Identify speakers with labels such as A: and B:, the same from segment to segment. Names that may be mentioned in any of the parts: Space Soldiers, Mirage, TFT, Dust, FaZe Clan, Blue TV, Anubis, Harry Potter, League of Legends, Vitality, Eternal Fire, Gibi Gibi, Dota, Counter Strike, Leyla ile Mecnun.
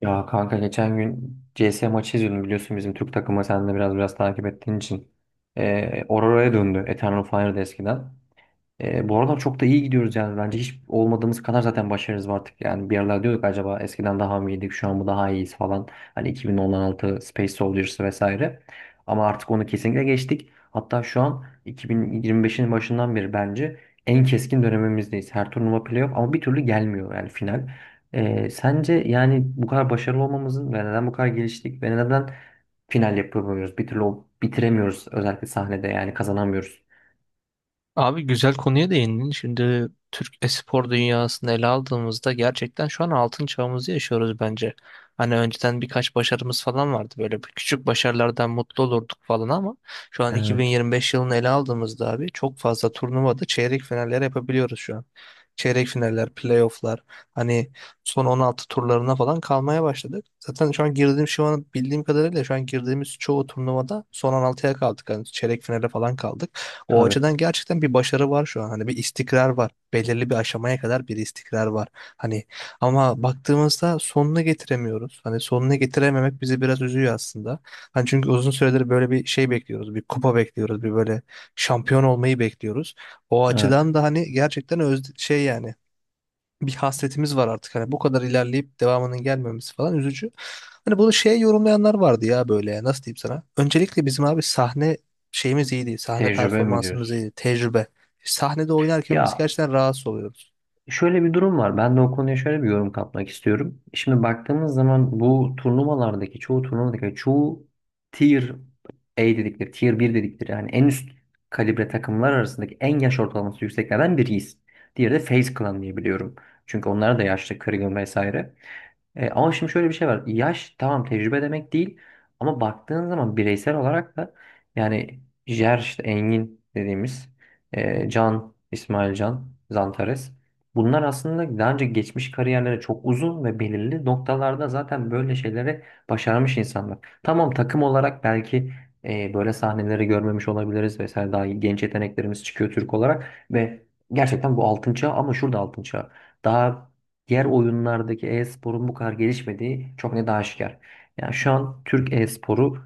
A: Ya kanka geçen gün CS maçı izliyordum biliyorsun bizim Türk takımı sen de biraz takip ettiğin için. Aurora'ya döndü Eternal Fire'da eskiden. Bu aralar çok da iyi gidiyoruz yani. Bence hiç olmadığımız kadar zaten başarımız var artık. Yani bir aralar diyorduk acaba eskiden daha mı iyiydik, şu an mı daha iyiyiz falan. Hani 2016 Space Soldiers vesaire. Ama artık onu kesinlikle geçtik. Hatta şu an 2025'in başından beri bence en keskin dönemimizdeyiz. Her turnuva playoff ama bir türlü gelmiyor yani final. Sence yani bu kadar başarılı olmamızın ve neden bu kadar geliştik ve neden final yapamıyoruz? Bir türlü bitiremiyoruz özellikle sahnede yani kazanamıyoruz.
B: Abi güzel konuya değindin. Şimdi Türk espor dünyasını ele aldığımızda gerçekten şu an altın çağımızı yaşıyoruz bence. Hani önceden birkaç başarımız falan vardı. Böyle bir küçük başarılardan mutlu olurduk falan ama şu an
A: Evet.
B: 2025 yılını ele aldığımızda abi çok fazla turnuvada çeyrek finaller yapabiliyoruz şu an. Çeyrek finaller, playofflar, hani son 16 turlarına falan kalmaya başladık. Zaten şu an bildiğim kadarıyla şu an girdiğimiz çoğu turnuvada son 16'ya kaldık. Hani çeyrek finale falan kaldık. O
A: Tabii.
B: açıdan gerçekten bir başarı var şu an. Hani bir istikrar var. Belirli bir aşamaya kadar bir istikrar var. Hani ama baktığımızda sonunu getiremiyoruz. Hani sonunu getirememek bizi biraz üzüyor aslında. Hani çünkü uzun süredir böyle bir şey bekliyoruz. Bir kupa bekliyoruz. Bir böyle şampiyon olmayı bekliyoruz. O
A: Evet.
B: açıdan da hani gerçekten öz şey yani bir hasretimiz var artık. Hani bu kadar ilerleyip devamının gelmemesi falan üzücü. Hani bunu şeye yorumlayanlar vardı ya, böyle nasıl diyeyim sana. Öncelikle bizim abi sahne şeyimiz iyiydi. Sahne
A: Tecrübe mi
B: performansımız
A: diyorsun?
B: iyiydi. Tecrübe. Sahnede oynarken biz
A: Ya
B: gerçekten rahatsız oluyoruz.
A: şöyle bir durum var. Ben de o konuya şöyle bir yorum katmak istiyorum. Şimdi baktığımız zaman bu turnuvalardaki çoğu turnuvadaki hani çoğu tier A dedikleri, tier bir dedikleri yani en üst kalibre takımlar arasındaki en yaş ortalaması yükseklerden biriyiz. Diğeri de FaZe Clan diye biliyorum. Çünkü onlar da yaşlı, kırgın vesaire. Ama şimdi şöyle bir şey var. Yaş tamam tecrübe demek değil ama baktığın zaman bireysel olarak da yani Jer işte Engin dediğimiz Can, İsmail Can, Zantares bunlar aslında daha önce geçmiş kariyerleri çok uzun ve belirli noktalarda zaten böyle şeyleri başarmış insanlar. Tamam takım olarak belki böyle sahneleri görmemiş olabiliriz vesaire daha genç yeteneklerimiz çıkıyor Türk olarak ve gerçekten bu altın çağı ama şurada altın çağı. Daha diğer oyunlardaki e-sporun bu kadar gelişmediği çok net aşikar. Yani şu an Türk e-sporu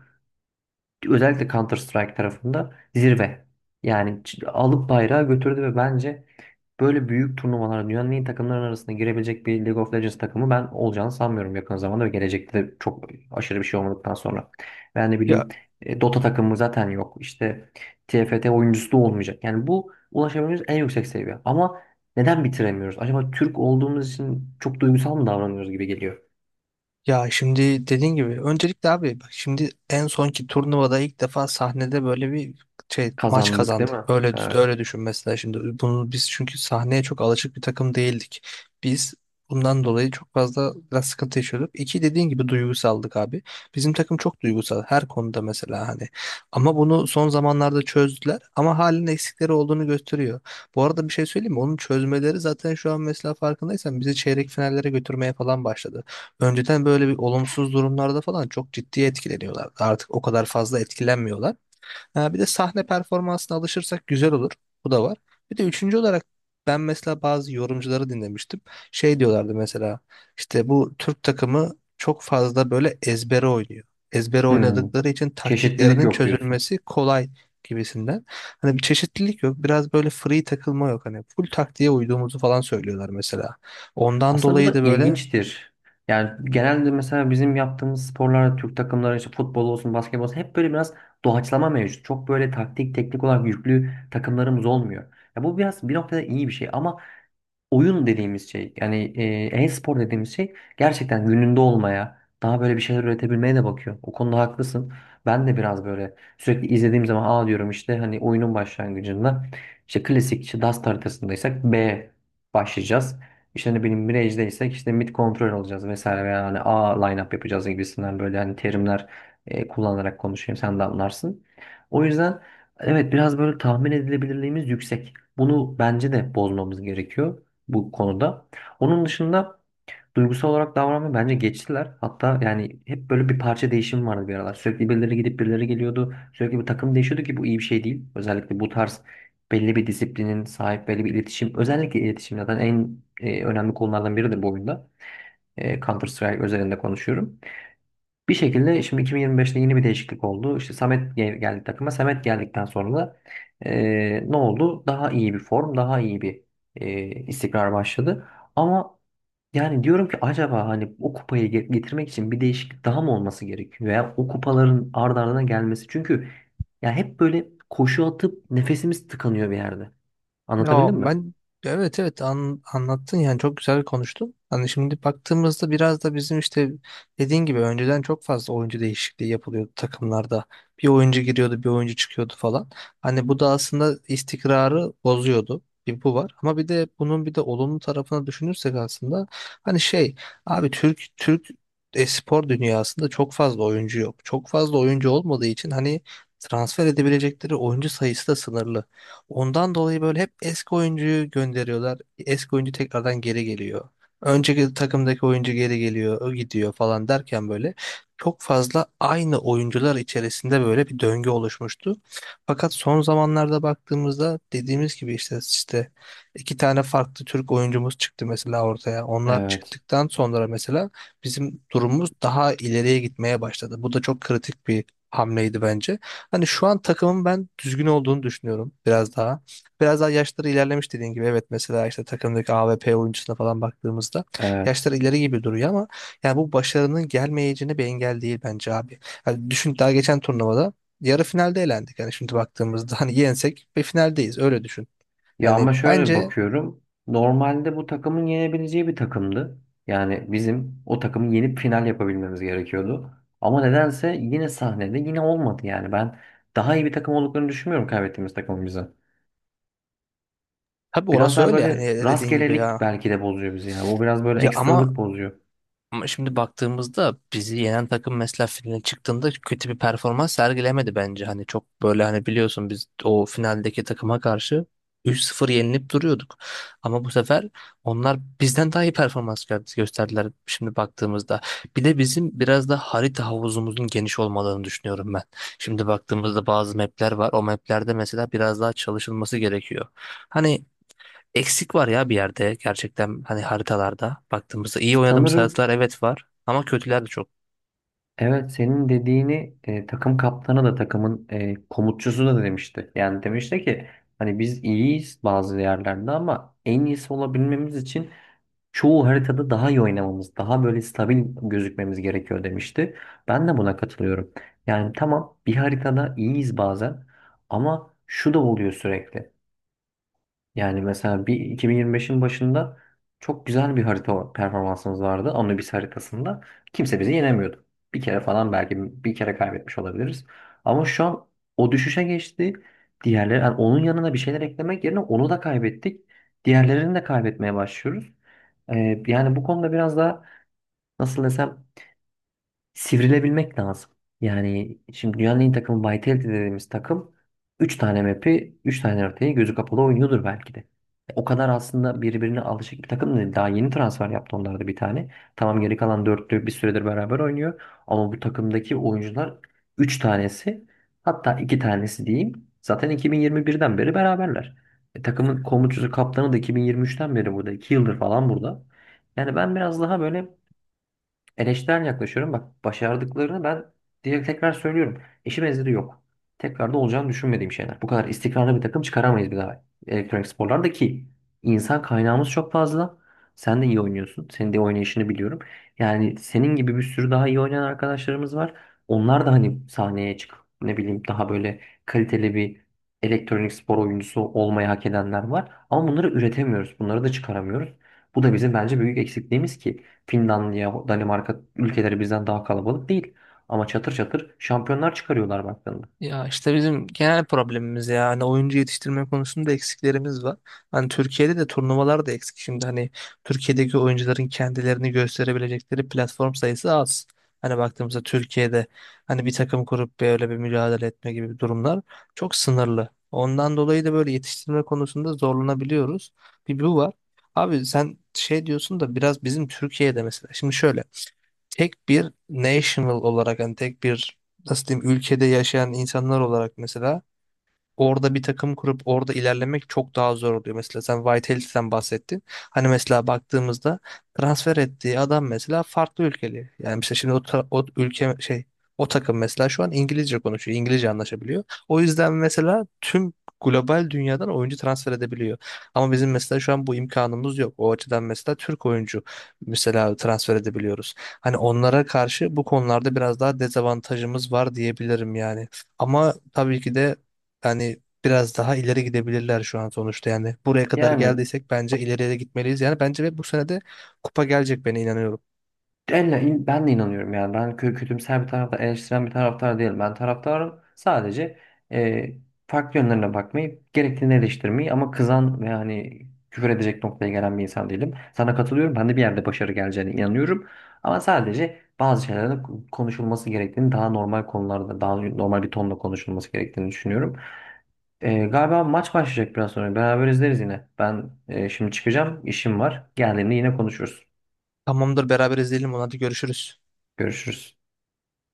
A: özellikle Counter Strike tarafında zirve. Yani alıp bayrağı götürdü ve bence böyle büyük turnuvalara dünyanın en iyi takımların arasında girebilecek bir League of Legends takımı ben olacağını sanmıyorum yakın zamanda ve gelecekte de çok aşırı bir şey olmadıktan sonra. Ben ne bileyim
B: Ya
A: Dota takımı zaten yok. İşte TFT oyuncusu da olmayacak. Yani bu ulaşabileceğimiz en yüksek seviye. Ama neden bitiremiyoruz? Acaba Türk olduğumuz için çok duygusal mı davranıyoruz gibi geliyor.
B: Ya şimdi dediğin gibi öncelikle abi bak, şimdi en sonki turnuvada ilk defa sahnede böyle bir şey maç
A: Kazandık değil
B: kazandık.
A: mi?
B: Öyle düş-
A: Evet.
B: öyle düşün mesela. Şimdi bunu biz çünkü sahneye çok alışık bir takım değildik. Biz bundan dolayı çok fazla biraz sıkıntı yaşıyorduk. İki, dediğin gibi, duygusaldık abi. Bizim takım çok duygusal her konuda mesela hani. Ama bunu son zamanlarda çözdüler ama halen eksikleri olduğunu gösteriyor. Bu arada bir şey söyleyeyim mi? Onun çözmeleri zaten şu an mesela farkındaysan bizi çeyrek finallere götürmeye falan başladı. Önceden böyle bir olumsuz durumlarda falan çok ciddi etkileniyorlar. Artık o kadar fazla etkilenmiyorlar. Ha, bir de sahne performansına alışırsak güzel olur. Bu da var. Bir de üçüncü olarak ben mesela bazı yorumcuları dinlemiştim. Şey diyorlardı mesela, işte bu Türk takımı çok fazla böyle ezbere oynuyor. Ezbere
A: Hmm.
B: oynadıkları için
A: Çeşitlilik
B: taktiklerinin
A: yok diyorsun.
B: çözülmesi kolay gibisinden. Hani bir çeşitlilik yok. Biraz böyle free takılma yok. Hani full taktiğe uyduğumuzu falan söylüyorlar mesela. Ondan
A: Aslında bu
B: dolayı
A: da
B: da böyle.
A: ilginçtir. Yani genelde mesela bizim yaptığımız sporlarda Türk takımları işte futbol olsun, basketbol olsun hep böyle biraz doğaçlama mevcut. Çok böyle taktik, teknik olarak yüklü takımlarımız olmuyor. Ya bu biraz bir noktada iyi bir şey ama oyun dediğimiz şey yani e-spor dediğimiz şey gerçekten gününde olmaya daha böyle bir şeyler üretebilmeye de bakıyor. O konuda haklısın. Ben de biraz böyle sürekli izlediğim zaman A diyorum işte hani oyunun başlangıcında işte klasik işte Dust haritasındaysak B başlayacağız. İşte hani benim Mirage'deysek işte mid kontrol olacağız vesaire veya hani A line-up yapacağız gibisinden böyle hani terimler kullanarak konuşayım sen de anlarsın. O yüzden evet biraz böyle tahmin edilebilirliğimiz yüksek. Bunu bence de bozmamız gerekiyor bu konuda. Onun dışında duygusal olarak davranmayı bence geçtiler. Hatta yani hep böyle bir parça değişimi vardı bir aralar. Sürekli birileri gidip birileri geliyordu. Sürekli bir takım değişiyordu ki bu iyi bir şey değil. Özellikle bu tarz belli bir disiplinin sahip belli bir iletişim. Özellikle iletişim zaten en önemli konulardan biridir bu oyunda. Counter Strike özelinde konuşuyorum. Bir şekilde şimdi 2025'te yeni bir değişiklik oldu. İşte Samet geldi takıma. Samet geldikten sonra da ne oldu? Daha iyi bir form, daha iyi bir istikrar başladı. Ama yani diyorum ki acaba hani o kupayı getirmek için bir değişiklik daha mı olması gerekiyor? Veya o kupaların ard ardına gelmesi. Çünkü ya hep böyle koşu atıp nefesimiz tıkanıyor bir yerde.
B: Ya
A: Anlatabildim mi?
B: ben, evet evet, anlattın yani çok güzel konuştun. Hani şimdi baktığımızda biraz da bizim işte, dediğin gibi, önceden çok fazla oyuncu değişikliği yapılıyordu takımlarda. Bir oyuncu giriyordu, bir oyuncu çıkıyordu falan. Hani bu da aslında istikrarı bozuyordu. Bir bu var. Ama bir de bunun bir de olumlu tarafına düşünürsek aslında hani şey, abi Türk e-spor dünyasında çok fazla oyuncu yok. Çok fazla oyuncu olmadığı için hani transfer edebilecekleri oyuncu sayısı da sınırlı. Ondan dolayı böyle hep eski oyuncuyu gönderiyorlar. Eski oyuncu tekrardan geri geliyor. Önceki takımdaki oyuncu geri geliyor, o gidiyor falan derken böyle çok fazla aynı oyuncular içerisinde böyle bir döngü oluşmuştu. Fakat son zamanlarda baktığımızda dediğimiz gibi işte iki tane farklı Türk oyuncumuz çıktı mesela ortaya. Onlar
A: Evet.
B: çıktıktan sonra mesela bizim durumumuz daha ileriye gitmeye başladı. Bu da çok kritik bir hamleydi bence. Hani şu an takımın ben düzgün olduğunu düşünüyorum biraz daha. Biraz daha yaşları ilerlemiş dediğin gibi. Evet mesela işte takımdaki AVP oyuncusuna falan baktığımızda
A: Evet.
B: yaşları ileri gibi duruyor ama yani bu başarının gelmeyeceğine bir engel değil bence abi. Hani düşün, daha geçen turnuvada yarı finalde elendik. Yani şimdi baktığımızda hani yensek bir finaldeyiz, öyle düşün.
A: Ya ama
B: Yani
A: şöyle
B: bence
A: bakıyorum. Normalde bu takımın yenebileceği bir takımdı. Yani bizim o takımı yenip final yapabilmemiz gerekiyordu. Ama nedense yine sahnede yine olmadı yani. Ben daha iyi bir takım olduklarını düşünmüyorum kaybettiğimiz takımın bize.
B: tabii
A: Biraz
B: orası
A: daha
B: öyle yani,
A: böyle
B: dediğin gibi ya.
A: rastgelelik belki de bozuyor bizi ya. Bu biraz böyle
B: Ya ama
A: ekstralık bozuyor.
B: Ama şimdi baktığımızda bizi yenen takım mesela finale çıktığında kötü bir performans sergilemedi bence. Hani çok böyle hani biliyorsun, biz o finaldeki takıma karşı 3-0 yenilip duruyorduk. Ama bu sefer onlar bizden daha iyi performans gösterdiler şimdi baktığımızda. Bir de bizim biraz da harita havuzumuzun geniş olmalarını düşünüyorum ben. Şimdi baktığımızda bazı mapler var. O maplerde mesela biraz daha çalışılması gerekiyor. Hani eksik var ya bir yerde, gerçekten hani haritalarda baktığımızda iyi oynadığımız
A: Sanırım
B: haritalar evet var ama kötüler de çok.
A: evet senin dediğini takım kaptanı da takımın komutçusu da demişti. Yani demişti ki hani biz iyiyiz bazı yerlerde ama en iyisi olabilmemiz için çoğu haritada daha iyi oynamamız, daha böyle stabil gözükmemiz gerekiyor demişti. Ben de buna katılıyorum. Yani tamam bir haritada iyiyiz bazen ama şu da oluyor sürekli. Yani mesela bir 2025'in başında çok güzel bir harita performansımız vardı. Anubis haritasında. Kimse bizi yenemiyordu. Bir kere falan belki bir kere kaybetmiş olabiliriz. Ama şu an o düşüşe geçti. Diğerleri, yani onun yanına bir şeyler eklemek yerine onu da kaybettik. Diğerlerini de kaybetmeye başlıyoruz. Yani bu konuda biraz daha nasıl desem sivrilebilmek lazım. Yani şimdi dünyanın en iyi takımı Vitality dediğimiz takım 3 tane map'i 3 tane haritayı gözü kapalı oynuyordur belki de. O kadar aslında birbirine alışık bir takım değil. Daha yeni transfer yaptı onlar da bir tane. Tamam geri kalan dörtlü bir süredir beraber oynuyor. Ama bu takımdaki oyuncular 3 tanesi hatta 2 tanesi diyeyim. Zaten 2021'den beri beraberler. Takımın komutucusu kaptanı da 2023'ten beri burada. 2 yıldır falan burada. Yani ben biraz daha böyle eleştirel yaklaşıyorum. Bak başardıklarını ben direkt tekrar söylüyorum. Eşi benzeri yok. Tekrar da olacağını düşünmediğim şeyler. Bu kadar istikrarlı bir takım çıkaramayız bir daha elektronik sporlarda ki insan kaynağımız çok fazla. Sen de iyi oynuyorsun. Senin de oynayışını biliyorum. Yani senin gibi bir sürü daha iyi oynayan arkadaşlarımız var. Onlar da hani sahneye çıkıp ne bileyim daha böyle kaliteli bir elektronik spor oyuncusu olmayı hak edenler var. Ama bunları üretemiyoruz. Bunları da çıkaramıyoruz. Bu da bizim bence büyük eksikliğimiz ki Finlandiya, Danimarka ülkeleri bizden daha kalabalık değil. Ama çatır çatır şampiyonlar çıkarıyorlar baktığında.
B: Ya işte bizim genel problemimiz ya. Hani oyuncu yetiştirme konusunda eksiklerimiz var. Hani Türkiye'de de turnuvalar da eksik. Şimdi hani Türkiye'deki oyuncuların kendilerini gösterebilecekleri platform sayısı az. Hani baktığımızda Türkiye'de hani bir takım kurup böyle bir mücadele etme gibi durumlar çok sınırlı. Ondan dolayı da böyle yetiştirme konusunda zorlanabiliyoruz. Bir bu var. Abi sen şey diyorsun da biraz bizim Türkiye'de mesela. Şimdi şöyle, tek bir national olarak, hani tek bir, nasıl diyeyim, ülkede yaşayan insanlar olarak mesela orada bir takım kurup orada ilerlemek çok daha zor oluyor. Mesela sen Vitaly'den bahsettin. Hani mesela baktığımızda transfer ettiği adam mesela farklı ülkeli. Yani mesela şimdi o, o ülke şey, o takım mesela şu an İngilizce konuşuyor. İngilizce anlaşabiliyor. O yüzden mesela tüm global dünyadan oyuncu transfer edebiliyor. Ama bizim mesela şu an bu imkanımız yok. O açıdan mesela Türk oyuncu mesela transfer edebiliyoruz. Hani onlara karşı bu konularda biraz daha dezavantajımız var diyebilirim yani. Ama tabii ki de hani biraz daha ileri gidebilirler şu an sonuçta yani. Buraya kadar
A: Yani
B: geldiysek bence ileriye de gitmeliyiz. Yani bence ve bu sene de kupa gelecek, ben inanıyorum.
A: ben de inanıyorum yani. Ben kötümser bir taraftar, eleştiren bir taraftar değilim. Ben taraftarım sadece e, farklı yönlerine bakmayı, gerektiğini eleştirmeyi ama kızan ve hani küfür edecek noktaya gelen bir insan değilim. Sana katılıyorum. Ben de bir yerde başarı geleceğine inanıyorum. Ama sadece bazı şeylerin konuşulması gerektiğini, daha normal konularda, daha normal bir tonla konuşulması gerektiğini düşünüyorum. Galiba maç başlayacak biraz sonra. Beraber izleriz yine. Ben şimdi çıkacağım. İşim var. Geldiğimde yine konuşuruz.
B: Tamamdır, beraber izleyelim onu, hadi görüşürüz.
A: Görüşürüz.